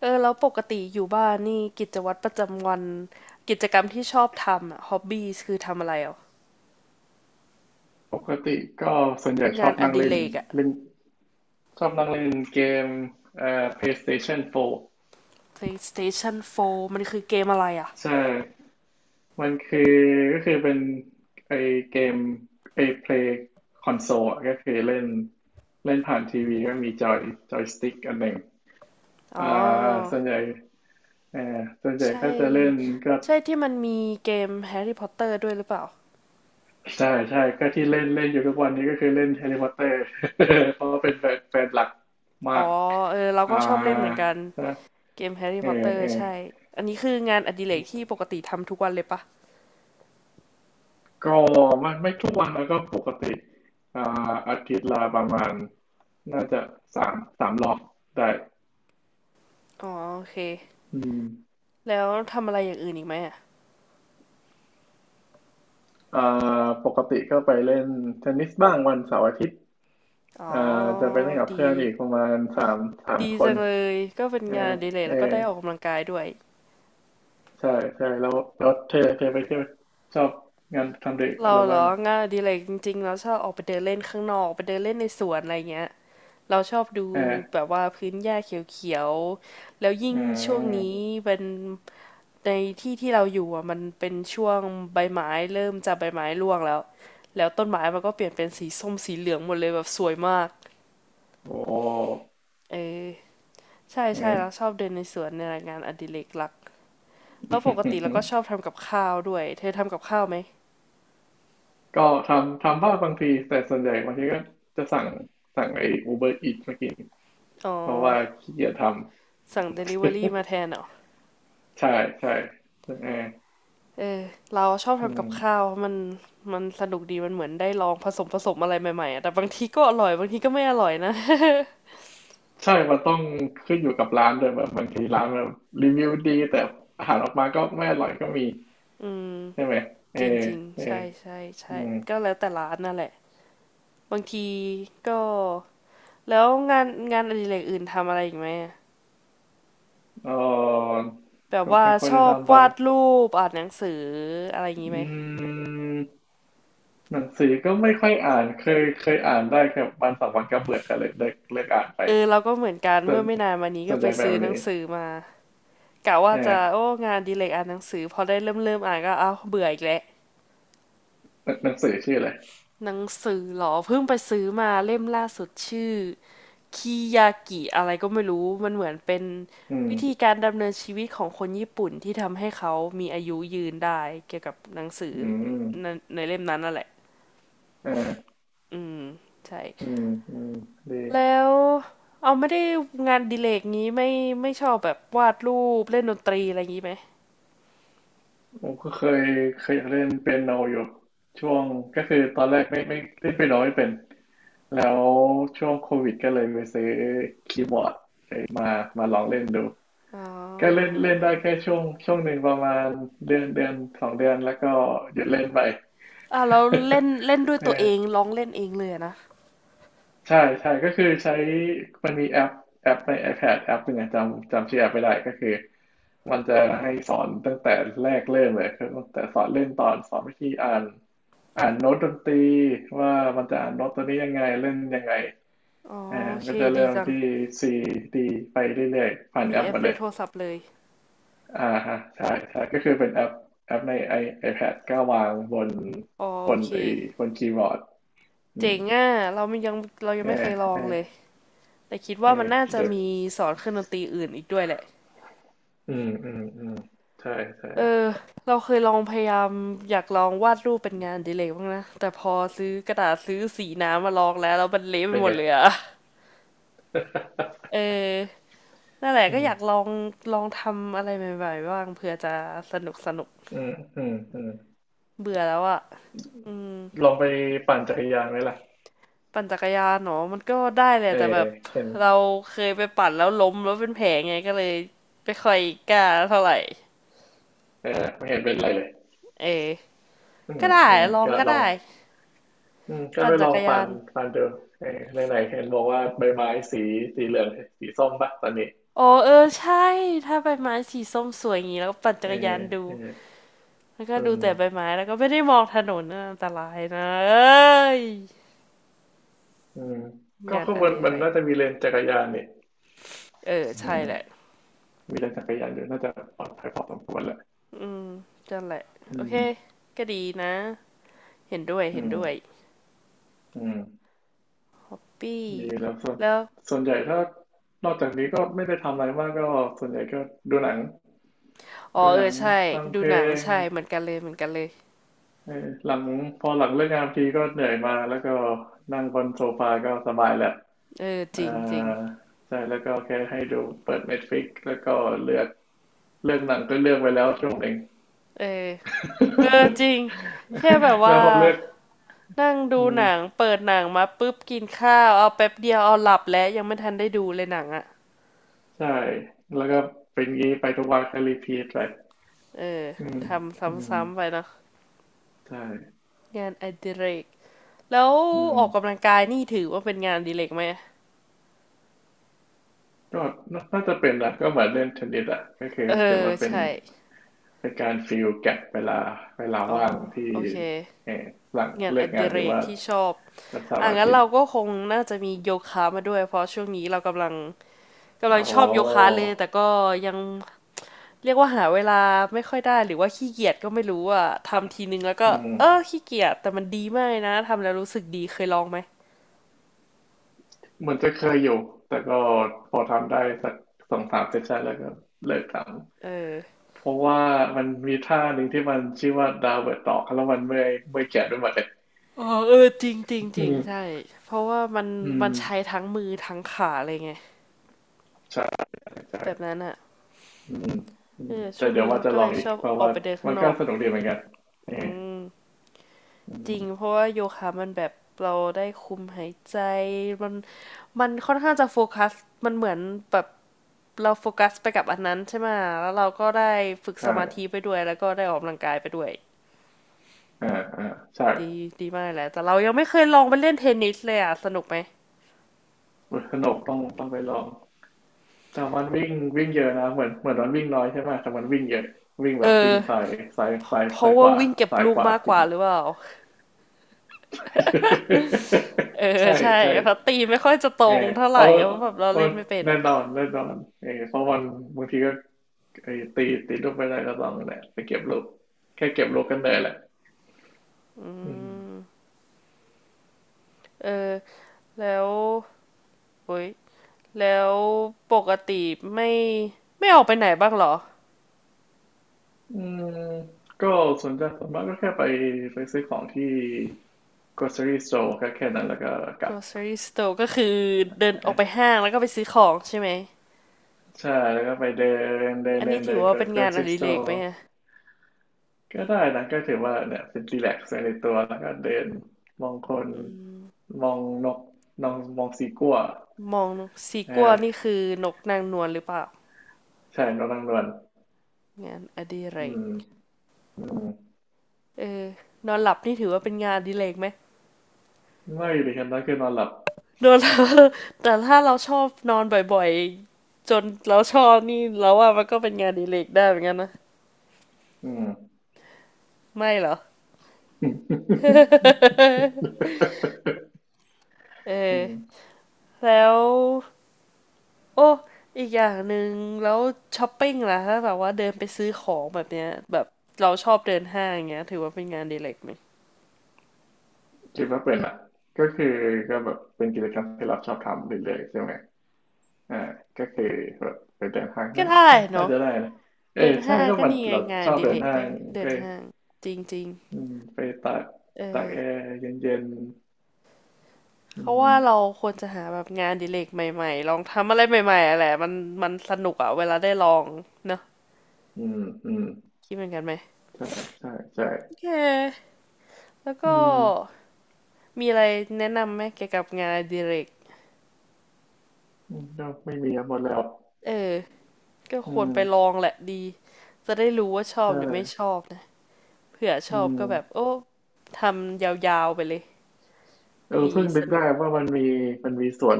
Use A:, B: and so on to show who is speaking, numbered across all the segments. A: เออแล้วปกติอยู่บ้านนี่กิจวัตรประจำวันกิจกรรมที่ชอบทำอะฮอบบี้คือทำอะไรอ่ะ
B: ปกติก็ส่วนใหญ่ช
A: งา
B: อ
A: น
B: บ
A: อ
B: นั่ง
A: ดิ
B: เล่
A: เร
B: น
A: กอะ
B: เล่นชอบนั่งเล่นเกมPlayStation 4
A: PlayStation 4มันคือเกมอะไรอ่ะ
B: ใช่มันคือก็คือเป็นไอเกมไอ Play Console อะก็คือเล่นเล่นผ่านทีวีก็มีจอยจอยสติ๊กอันหนึ่ง
A: อ๋อ
B: อ่าส่วนใหญ่ส่วนใหญ่
A: ใช่
B: ก็จะเล่นก็
A: ใช่ที่มันมีเกม Harry Potter ด้วยหรือเปล่า
B: ใช่ใช่ก็ที่เล่นเล่นอยู่ทุกวันนี้ก็คือเล่น Harry Potter เพราะว่าเป็นแฟนแฟนหลักมา
A: อ๋
B: ก
A: อเออเรา
B: อ่า
A: ก็ชอบเล่นเหมือนกัน
B: ใช่
A: เกม Harry
B: เออ
A: Potter
B: เออ
A: ใช่อันนี้คืองานอดิเรกที่ปกติทำทุกวันเลยปะ
B: ก็ไม่ทุกวันแล้วก็ปกติอ่าอาทิตย์ละประมาณน่าจะสามสามรอบได้
A: อ๋อโอเค
B: อืม
A: แล้วทำอะไรอย่างอื่นอีกไหมอ่ะ
B: เอ่อปกติก็ไปเล่นเทนนิสบ้างวันเสาร์อาทิตย์
A: อ๋อ
B: จะไปเล่นกับเพื่
A: ดี
B: อนอีกประมาณสามสาม
A: ดี
B: ค
A: จั
B: น
A: งเลยก็เป็น
B: เอ
A: งาน
B: อ
A: อดิเรก
B: เออ
A: แล้วก็ได้ออกกำลังกายด้วย
B: ใช่ใช่แล้วแล้วเธอเธอไปเที่ยวชอบงานทำเด็กอะ
A: เรา
B: ไร
A: เหร
B: บ้าง
A: อ
B: อ่ะ
A: งานอดิเรกจริงๆเราชอบออกไปเดินเล่นข้างนอกไปเดินเล่นในสวนอะไรเงี้ยเราชอบดู
B: เออ
A: แบบว่าพื้นหญ้าเขียวๆแล้วยิ่ง
B: อื
A: ช่วงนี้
B: ม
A: เป็นในที่ที่เราอยู่อ่ะมันเป็นช่วงใบไม้เริ่มจะใบไม้ร่วงแล้วแล้วต้นไม้มันก็เปลี่ยนเป็นสีส้มสีเหลืองหมดเลยแบบสวยมาก
B: โอ้
A: เออใช่ใช่เรา
B: เอ
A: ชอบเดินในสวนในยงานอดิเรกหลักแล้วปกติเราก็ชอบ
B: อ
A: ทำกับข้าวด้วยเธอทำกับข้าวไหม
B: ก็ทำทำบ้างบางทีแต่ส่วนใหญ่บางทีก็จะสั่งสั่งไอ้ Uber Eats มากิน
A: อ๋อ
B: เพราะว่าขี้เกียจทำ
A: สั่งเดลิเวอรี่มาแท นเหรอ
B: ใช่ใช่เรื่องแอร์
A: เออเราชอบ
B: อื
A: ทำกับ
B: ม
A: ข้าวเมันมันสนุกดีมันเหมือนได้ลองผสมอะไรใหม่ๆอะแต่บางทีก็อร่อยบางทีก็ไม่อร่อยนะ
B: ใช่มันต้องขึ้นอยู่กับร้านด้วยแบบบางทีร้านแบบรีวิวดีแต่อาหารออกมาก็ไม่อร่อยก็มีใช่ไหมเอ
A: จ
B: อ
A: ริง
B: เออ
A: ๆใช่ใช่
B: อื
A: ใช่
B: ม
A: ก็แล้วแต่ร้านนั่นแหละบางทีก็แล้วงานอดิเรกอื่นทำอะไรอีกไหมอะ
B: เออ
A: แบบ
B: ก็
A: ว่า
B: ไม่ค่อย
A: ช
B: ได้
A: อบ
B: ทำไป
A: วาดรูปอ่านหนังสืออะไรอย่างนี้
B: อ
A: ไหม
B: ืมหนังสือก็ไม่ค่อยอ่านเคยเคยอ่านได้แค่วันสองวันก็เบื่อก็เลยเลิกเลิกอ่านไป
A: เออเราก็เหมือนกัน
B: ส
A: เมื่
B: น
A: อไม่นานมานี้
B: ส
A: ก็
B: น
A: ไป
B: ใจแบ
A: ซื้อ
B: บ
A: หนั
B: นี้
A: งสือมา กะว่าจะ
B: อ่า
A: โอ้งานอดีเลกอ่านหนังสือพอได้เริ่มอ่านก็เอ้าวเบื่ออีกแล้ว
B: หนังสือชื่ออะไร
A: หนังสือเหรอเพิ่งไปซื้อมาเล่มล่าสุดชื่อคิยากิอะไรก็ไม่รู้มันเหมือนเป็น
B: อืม
A: วิธีการดำเนินชีวิตของคนญี่ปุ่นที่ทำให้เขามีอายุยืนได้เกี่ยวกับหนังสือ
B: อืม
A: ในในเล่มนั้นนั่นแหละ
B: อ่า
A: อืมใช่
B: อืมอืมดี
A: แล้วเอาไม่ได้งานอดิเลกนี้ไม่ชอบแบบวาดรูปเล่นดนตรีอะไรอย่างนี้ไหม
B: ผมก็เคยเคยอยากเล่นเปียโนอยู่ช่วงก็คือตอนแรกไม่เล่นเปียโนไม่เป็นแล้วช่วงโควิดก็เลยไปซื้อคีย์บอร์ดเอ้ยมามาลองเล่นดู
A: อ๋อ
B: ก็เล่นเล่นได้แค่ช่วงช่วงหนึ่งประมาณเดือนเดือนสองเดือนแล้วก็หยุดเล่นไป
A: อ่าแล้วเล่นเล่นด้ว ยตัวเอง
B: เออ
A: ร้องเล่นเองเลยอะนะ
B: ใช่ใช่ก็คือใช้มันมีแอปแอปใน iPad แอปหนึ่งอะจำจำชื่อแอปไม่ได้ก็คือมันจะให้สอนตั้งแต่แรกเริ่มเลยคือตั้งแต่สอนเล่นตอนสอนวิธีอ่านอ่านโน้ตดนตรีว่ามันจะอ่านโน้ตตัวนี้ยังไงเล่นยังไง
A: อ๋อ
B: อ่า
A: โอ
B: มัน
A: เค
B: ก็จะ
A: ดี
B: เริ่ม
A: จัง
B: ที่ C D ไปเรื่อยๆผ่าน
A: มี
B: แอป
A: แอ
B: ห
A: ป
B: มา
A: ใน
B: เลย
A: โทรศัพท์เลย
B: อ่าฮะใช่ใช่ก็คือเป็นแอปแอปใน i ไอ p a d ก็วางบน
A: อ๋อ
B: บ
A: โอ
B: น
A: เค
B: ไอ้บนคีย์บอร์ดอื
A: เจ๋
B: ม
A: งอ่ะเรามันยังเรายัง
B: เอ
A: ไม่เค
B: อ
A: ยลอ
B: เอ
A: ง
B: อ
A: เลยแต่คิด
B: เอ
A: ว่ามั
B: อ
A: นน่าจะ
B: เด
A: มีสอนเครื่องดนตรีอื่นอีกด้วยแหละ
B: อืมอืมอืมใช่ใช่
A: เออเราเคยลองพยายามอยากลองวาดรูปเป็นงานอดิเลยบ้างนะแต่พอซื้อกระดาษซื้อสีน้ำมาลองแล้วแล้วมันเละไป
B: เป็น
A: หม
B: ไง
A: ดเลยอะเออนั่นแหละ
B: อื
A: ก็
B: ม
A: อยากลองลองทำอะไรใหม่ๆบ้างเผื่อจะสนุก
B: อืมอืมอืม
A: เบื่อแล้วอะอืม
B: ลองไปปั่นจักรยานไหมล่ะ
A: ปั่นจักรยานเนาะมันก็ได้แหละ
B: เออ
A: แต่แบบ
B: เห็น
A: เราเคยไปปั่นแล้วล้มแล้วเป็นแผลไงก็เลยไม่ค่อยกล้าเท่าไหร่
B: เออไม่เห็นเป็นไรเลย
A: เออ
B: อื
A: ก็
B: ม
A: ได้
B: อืม
A: ลอง
B: ก็
A: ก็
B: ลอง
A: ได้
B: อืมก็
A: ปั่น
B: ไป
A: จั
B: ลอ
A: ก
B: ง
A: ร
B: ปั่
A: ยา
B: น
A: น
B: ปั่นดูเออไหนไหนเห็นบอกว่าใบไม้สีสีเหลืองสีส้มปะตอนนี้
A: อ๋อเออใช่ถ้าใบไม้สีส้มสวยอย่างนี้แล้วก็ปั่นจั
B: เอ
A: ก
B: อ
A: รยานดู
B: เออ
A: แล้วก็
B: อื
A: ดู
B: ม
A: แต่ใบไม้แล้วก็ไม่ได้มองถนนนะอันตรายนะเอ้ย
B: อืมก็
A: งาน
B: ข้าง
A: อ
B: บน
A: ดิ
B: มั
A: เร
B: น
A: ก
B: น่าจะมีเลนจักรยานนี่
A: เออใช่
B: อืม
A: แหละ
B: มีเลนจักรยานอยู่น่าจะปลอดภัยพอสมควรแหละ
A: อืมนั่นแหละ
B: อื
A: โอเค
B: ม
A: ก็ดีนะเห็นด้วย
B: อื
A: เห็น
B: ม
A: ด้วย
B: อืม
A: ปี้
B: ดีแล้วส่วน
A: แล้ว
B: ส่วนใหญ่ถ้านอกจากนี้ก็ไม่ได้ทำอะไรมากก็ส่วนใหญ่ก็ดูหนัง
A: อ๋อ
B: ดู
A: เอ
B: หนั
A: อ
B: ง
A: ใช่
B: ฟังเพ
A: ดู
B: ล
A: หนัง
B: ง
A: ใช่เหมือนกันเลยเหมือนกันเลย
B: เออหลังพอหลังเลิกงานทีก็เหนื่อยมาแล้วก็นั่งบนโซฟาก็สบายแหละ
A: เออ
B: เอ
A: จ
B: อ
A: ริงจริง
B: ใช่แล้วก็แค่ให้ดูเปิด Netflix แล้วก็เลือกเลือกหนังก็เลือกไว้แล้วช่วงหนึ่ง
A: เออเออจริงแค่แบบ
B: แล้
A: ว่า
B: วพอเลือก
A: นั่งดู
B: อื
A: หนัง
B: ม
A: เปิดหนังมาปุ๊บกินข้าวเอาแป๊บเดียวเอาหลับแล้วยังไม่ทันได้ดูเลยหนังอ่ะ
B: ใช่แล้วก็เป็นงี้ไปทุกวันก็รีพีทไป
A: เออ
B: อืม
A: ทำ
B: อืม
A: ซ้ำๆไปเนาะ
B: ใช่
A: งานอดิเรกแล้ว
B: อื
A: อ
B: ม
A: อกกำลังกายนี่ถือว่าเป็นงานอดิเรกไหม
B: ก็น่าน่าจะเป็นนะก็เหมือนเล่นเทนนิสอ่ะก็คือ
A: เอ
B: ถือ
A: อ
B: ว่าเป็น
A: ใช่
B: เป็นการฟิลแก็บเวลาเวลา
A: อ๋อ
B: ว่างที่
A: โอเค
B: เออหลัง
A: งานอ
B: เลิกงา
A: ดิ
B: นห
A: เร
B: รือ
A: ก
B: ว่า
A: ที่ชอบ
B: วันเสา
A: อ่ะ
B: ร์อา
A: งั้น
B: ทิต
A: เรา
B: ย์
A: ก็คงน่าจะมีโยคะมาด้วยเพราะช่วงนี้เรากำลัง กำลั
B: โอ้
A: ง
B: โห
A: ชอบโยคะเลยแต่ก็ยังเรียกว่าหาเวลาไม่ค่อยได้หรือว่าขี้เกียจก็ไม่รู้อ่ะทำทีนึงแล้วก็
B: อื
A: เออ
B: ม
A: ขี้เกียจแต่มันดีมากเลยนะทำแล้วรู้สึกดีเคยลองไหม
B: เหมือนจะเคยอยู่แต่ก็พอทำได้สักสองสามเซสชันแล้วก็เลิกท
A: เออ
B: ำเพราะว่ามันมีท่าหนึ่งที่มันชื่อว่าดาวเวิร์ดดอกแล้วมันเมื่อยเมื่อยแขนไปหมดเลย
A: อ๋อเออจริงจริงจ
B: อื
A: ริงใช่
B: ม
A: เพราะว่ามัน
B: อืม
A: มันใช้ทั้งมือทั้งขาเลยไง
B: ใช่ใช่
A: แบบนั้นอ่ะ
B: อืมอื
A: เอ
B: ม
A: อ
B: แต่
A: ช่วง
B: เดี๋ยว
A: นี้
B: ว่า
A: เรา
B: จะ
A: ก็
B: ล
A: เล
B: อง
A: ย
B: อี
A: ช
B: ก
A: อบ
B: เพราะ
A: ออ
B: ว่า
A: กไปเดินข้า
B: มั
A: ง
B: น
A: น
B: ก็
A: อก
B: สนุกดีเหมือนกันเอ
A: อื
B: อ
A: ม
B: อื
A: จริง
B: ม
A: เพราะว่าโยคะมันแบบเราได้คุมหายใจมันมันค่อนข้างจะโฟกัสมันเหมือนแบบ เราโฟกัสไปกับอันนั้นใช่ไหมแล้วเราก็ได้ฝึกส
B: ใช่
A: มาธิไปด้วยแล้วก็ได้ออกกำลังกายไปด้วย
B: อ่าอ่าใช่
A: ดีดีมากแหละแต่เรายังไม่เคยลองไปเล่นเทนนิสเลยอ่ะสนุกไหม
B: สนุกต้องต้องไปลองแต่มันวิ่งวิ่งเยอะนะเหมือนเหมือนมันวิ่งน้อยใช่ไหมแต่มันวิ่งเยอะวิ่ง
A: เอ
B: แบบวิ่
A: อ
B: งซ้ายซ้ายซ้าย
A: เพ
B: ซ้า
A: ราะ
B: ยข
A: ว่า
B: วา
A: วิ่งเก็บ
B: ซ้าย
A: ลู
B: ข
A: ก
B: วา
A: มาก
B: จ
A: ก
B: ริง
A: ว่าหรือเปล่าเออ
B: ใช่
A: ใช่
B: ใช่
A: เพราะตีไม่ค่อยจะตรงเท่าไหร่
B: เอา
A: เพราะแบบเรา
B: เอา
A: เล่นไม่เป็น
B: แน่
A: อ่ะ
B: นอนแน่นอนเออเพราะวันบางทีก็ไอ้ตีตีลูกไม่ได้ก็ลองนั่นแหละไปเก็บลูกแค่เก็บลูกกันเลยแหละอืม
A: เออแล้วโอ้ยแล้วปกติไม่ไม่ออกไปไหนบ้างหรอ
B: อืมก็ส่วนใหญ่ส่วนมากก็แค่ไปไปซื้อของที่ grocery store ก็แค่นั้นแล้วก็กลับ
A: grocery store ก็คือเดินออกไปห้างแล้วก็ไปซื้อของใช่ไหม
B: ใช่แล้วก็ไปเดินเดิน
A: อัน
B: เดิ
A: นี้
B: น
A: ถื
B: เดิ
A: อ
B: น
A: ว่าเป็นงานอ
B: grocery
A: ดิเรก
B: store
A: ไหมอ่ะ
B: ก็ได้นะก็ถือว่าเนี่ยเป็นรีแลกซ์ในตัวแล้วก็เดินมองคน
A: อืม
B: มองนกมองมองสีกั่ว
A: มองสี
B: เอ
A: กัวนี่
B: อ
A: คือนกนางนวลหรือเปล่า
B: ใช่นกนางนวล
A: งานอดิเร
B: อื
A: ก
B: มอืม
A: เออนอนหลับนี่ถือว่าเป็นงานอดิเรกไหม
B: ไม่ดีครับนั่นคือนอนหลับ
A: นอนหลับแต่ถ้าเราชอบนอนบ่อยๆจนเราชอบนี่เราว่ามันก็เป็นงานอดิเรกได้เหมือนกันนะ
B: อืม
A: ไม่เหรอ เอ
B: อื
A: อ
B: ม
A: แล้วโอ้อีกอย่างหนึ่งแล้วช้อปปิ้งล่ะถ้าแบบว่าเดินไปซื้อของแบบเนี้ยแบบเราชอบเดินห้างอย่างเงี้ยถือว่าเป็นงานอดีเล็กไหม
B: คิดว่าเป็นอ่ะก็คือก็แบบเป็นกิจกรรมที่เราชอบทำเรื่อยๆใช่ไหมอ่าก็คือแบบไปเดินห้าง
A: ก็
B: นั่น
A: ได้
B: น่าน่า
A: เนาะ
B: จะได้นะเอ
A: เดิ
B: อ
A: น
B: ใช่
A: ห้าง
B: ก็
A: ก็
B: มัน
A: นี่ไง
B: เรา
A: งาน
B: ช
A: อ
B: อบ
A: ดิ
B: เดิ
A: เล
B: น
A: ก
B: ห้า
A: ก็
B: ง
A: เดิ
B: ก็
A: นห้างจริง
B: อืมไปตาก
A: ๆ เอ
B: ตาก
A: อ
B: แอร์เย็นๆอื
A: เขาว่า
B: ม
A: เราควรจะหาแบบงานอดิเลกใหม่ๆลองทำอะไรใหม่ๆอะไรมันมันสนุกอะเวลาได้ลองเนอะ
B: อืมอืม
A: คิดเหมือนกันไหม
B: ใช่ใช่ใช่
A: โอเคแล้ว
B: อื
A: ก็
B: ม
A: มีอะไรแนะนำไหมเกี่ยวกับงานอดิเลก
B: อืมก็ไม่มีอะหมดแล้ว
A: เออก็
B: อื
A: ควรไปล
B: ม
A: องแหละดีจะได้รู้ว่าชอบ
B: ใช่
A: หรือไม่ชอบนะเผื่อช
B: อื
A: อบก็แบบ
B: ม
A: โอ้ทำยาวๆไปเลย
B: เออ
A: ดี
B: เพิ่ง
A: ส
B: นึก
A: นุ
B: ได้
A: ก
B: ว่ามันมีมันมีสวน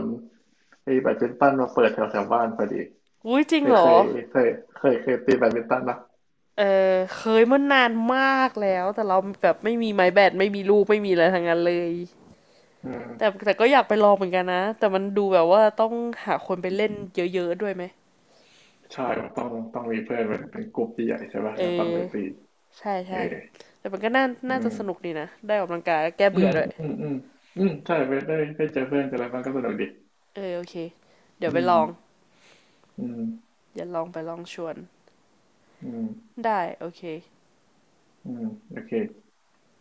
B: ไอ้แบดมินตันมาเปิดแถวแถวบ้านพอดี
A: อุ้ยจริง
B: เคย
A: เหร
B: เค
A: อ
B: ยเคยเคยเคยตีแบดมินตันนะ
A: เออเคยเมื่อนานมากแล้วแต่เราแบบไม่มีไม้แบตไม่มีลูกไม่มีอะไรทั้งนั้นเลย
B: อืม
A: แต่แต่ก็อยากไปลองเหมือนกันนะแต่มันดูแบบว่าต้องหาคนไปเล่นเยอะๆด้วยไหม
B: ใช่ต้องต้องมีเพื่อนเป็นเป็นกลุ่มที่ใหญ่ใช่ป่ะ
A: เอ
B: แลต้อง
A: อ
B: ไปตี
A: ใช่
B: เอ
A: ใช่
B: อ
A: แต่มันก็น่าน่า
B: อื
A: จะ
B: ม
A: สนุกดีนะได้ออกกำลังกายแล้วแก้
B: อื
A: เบื่อ
B: ม
A: ด้วย
B: อืมอืมอืมใช่ ไปได้ได้เจอเพื่อนเจออะไรบ้างก็สนุกดี
A: เออโอเคเดี๋ย
B: อื
A: วไปล
B: ม
A: อง
B: อืม
A: เดี๋ยวลองไปลองชวน
B: อืม
A: ได้โอเค
B: อืมโอเค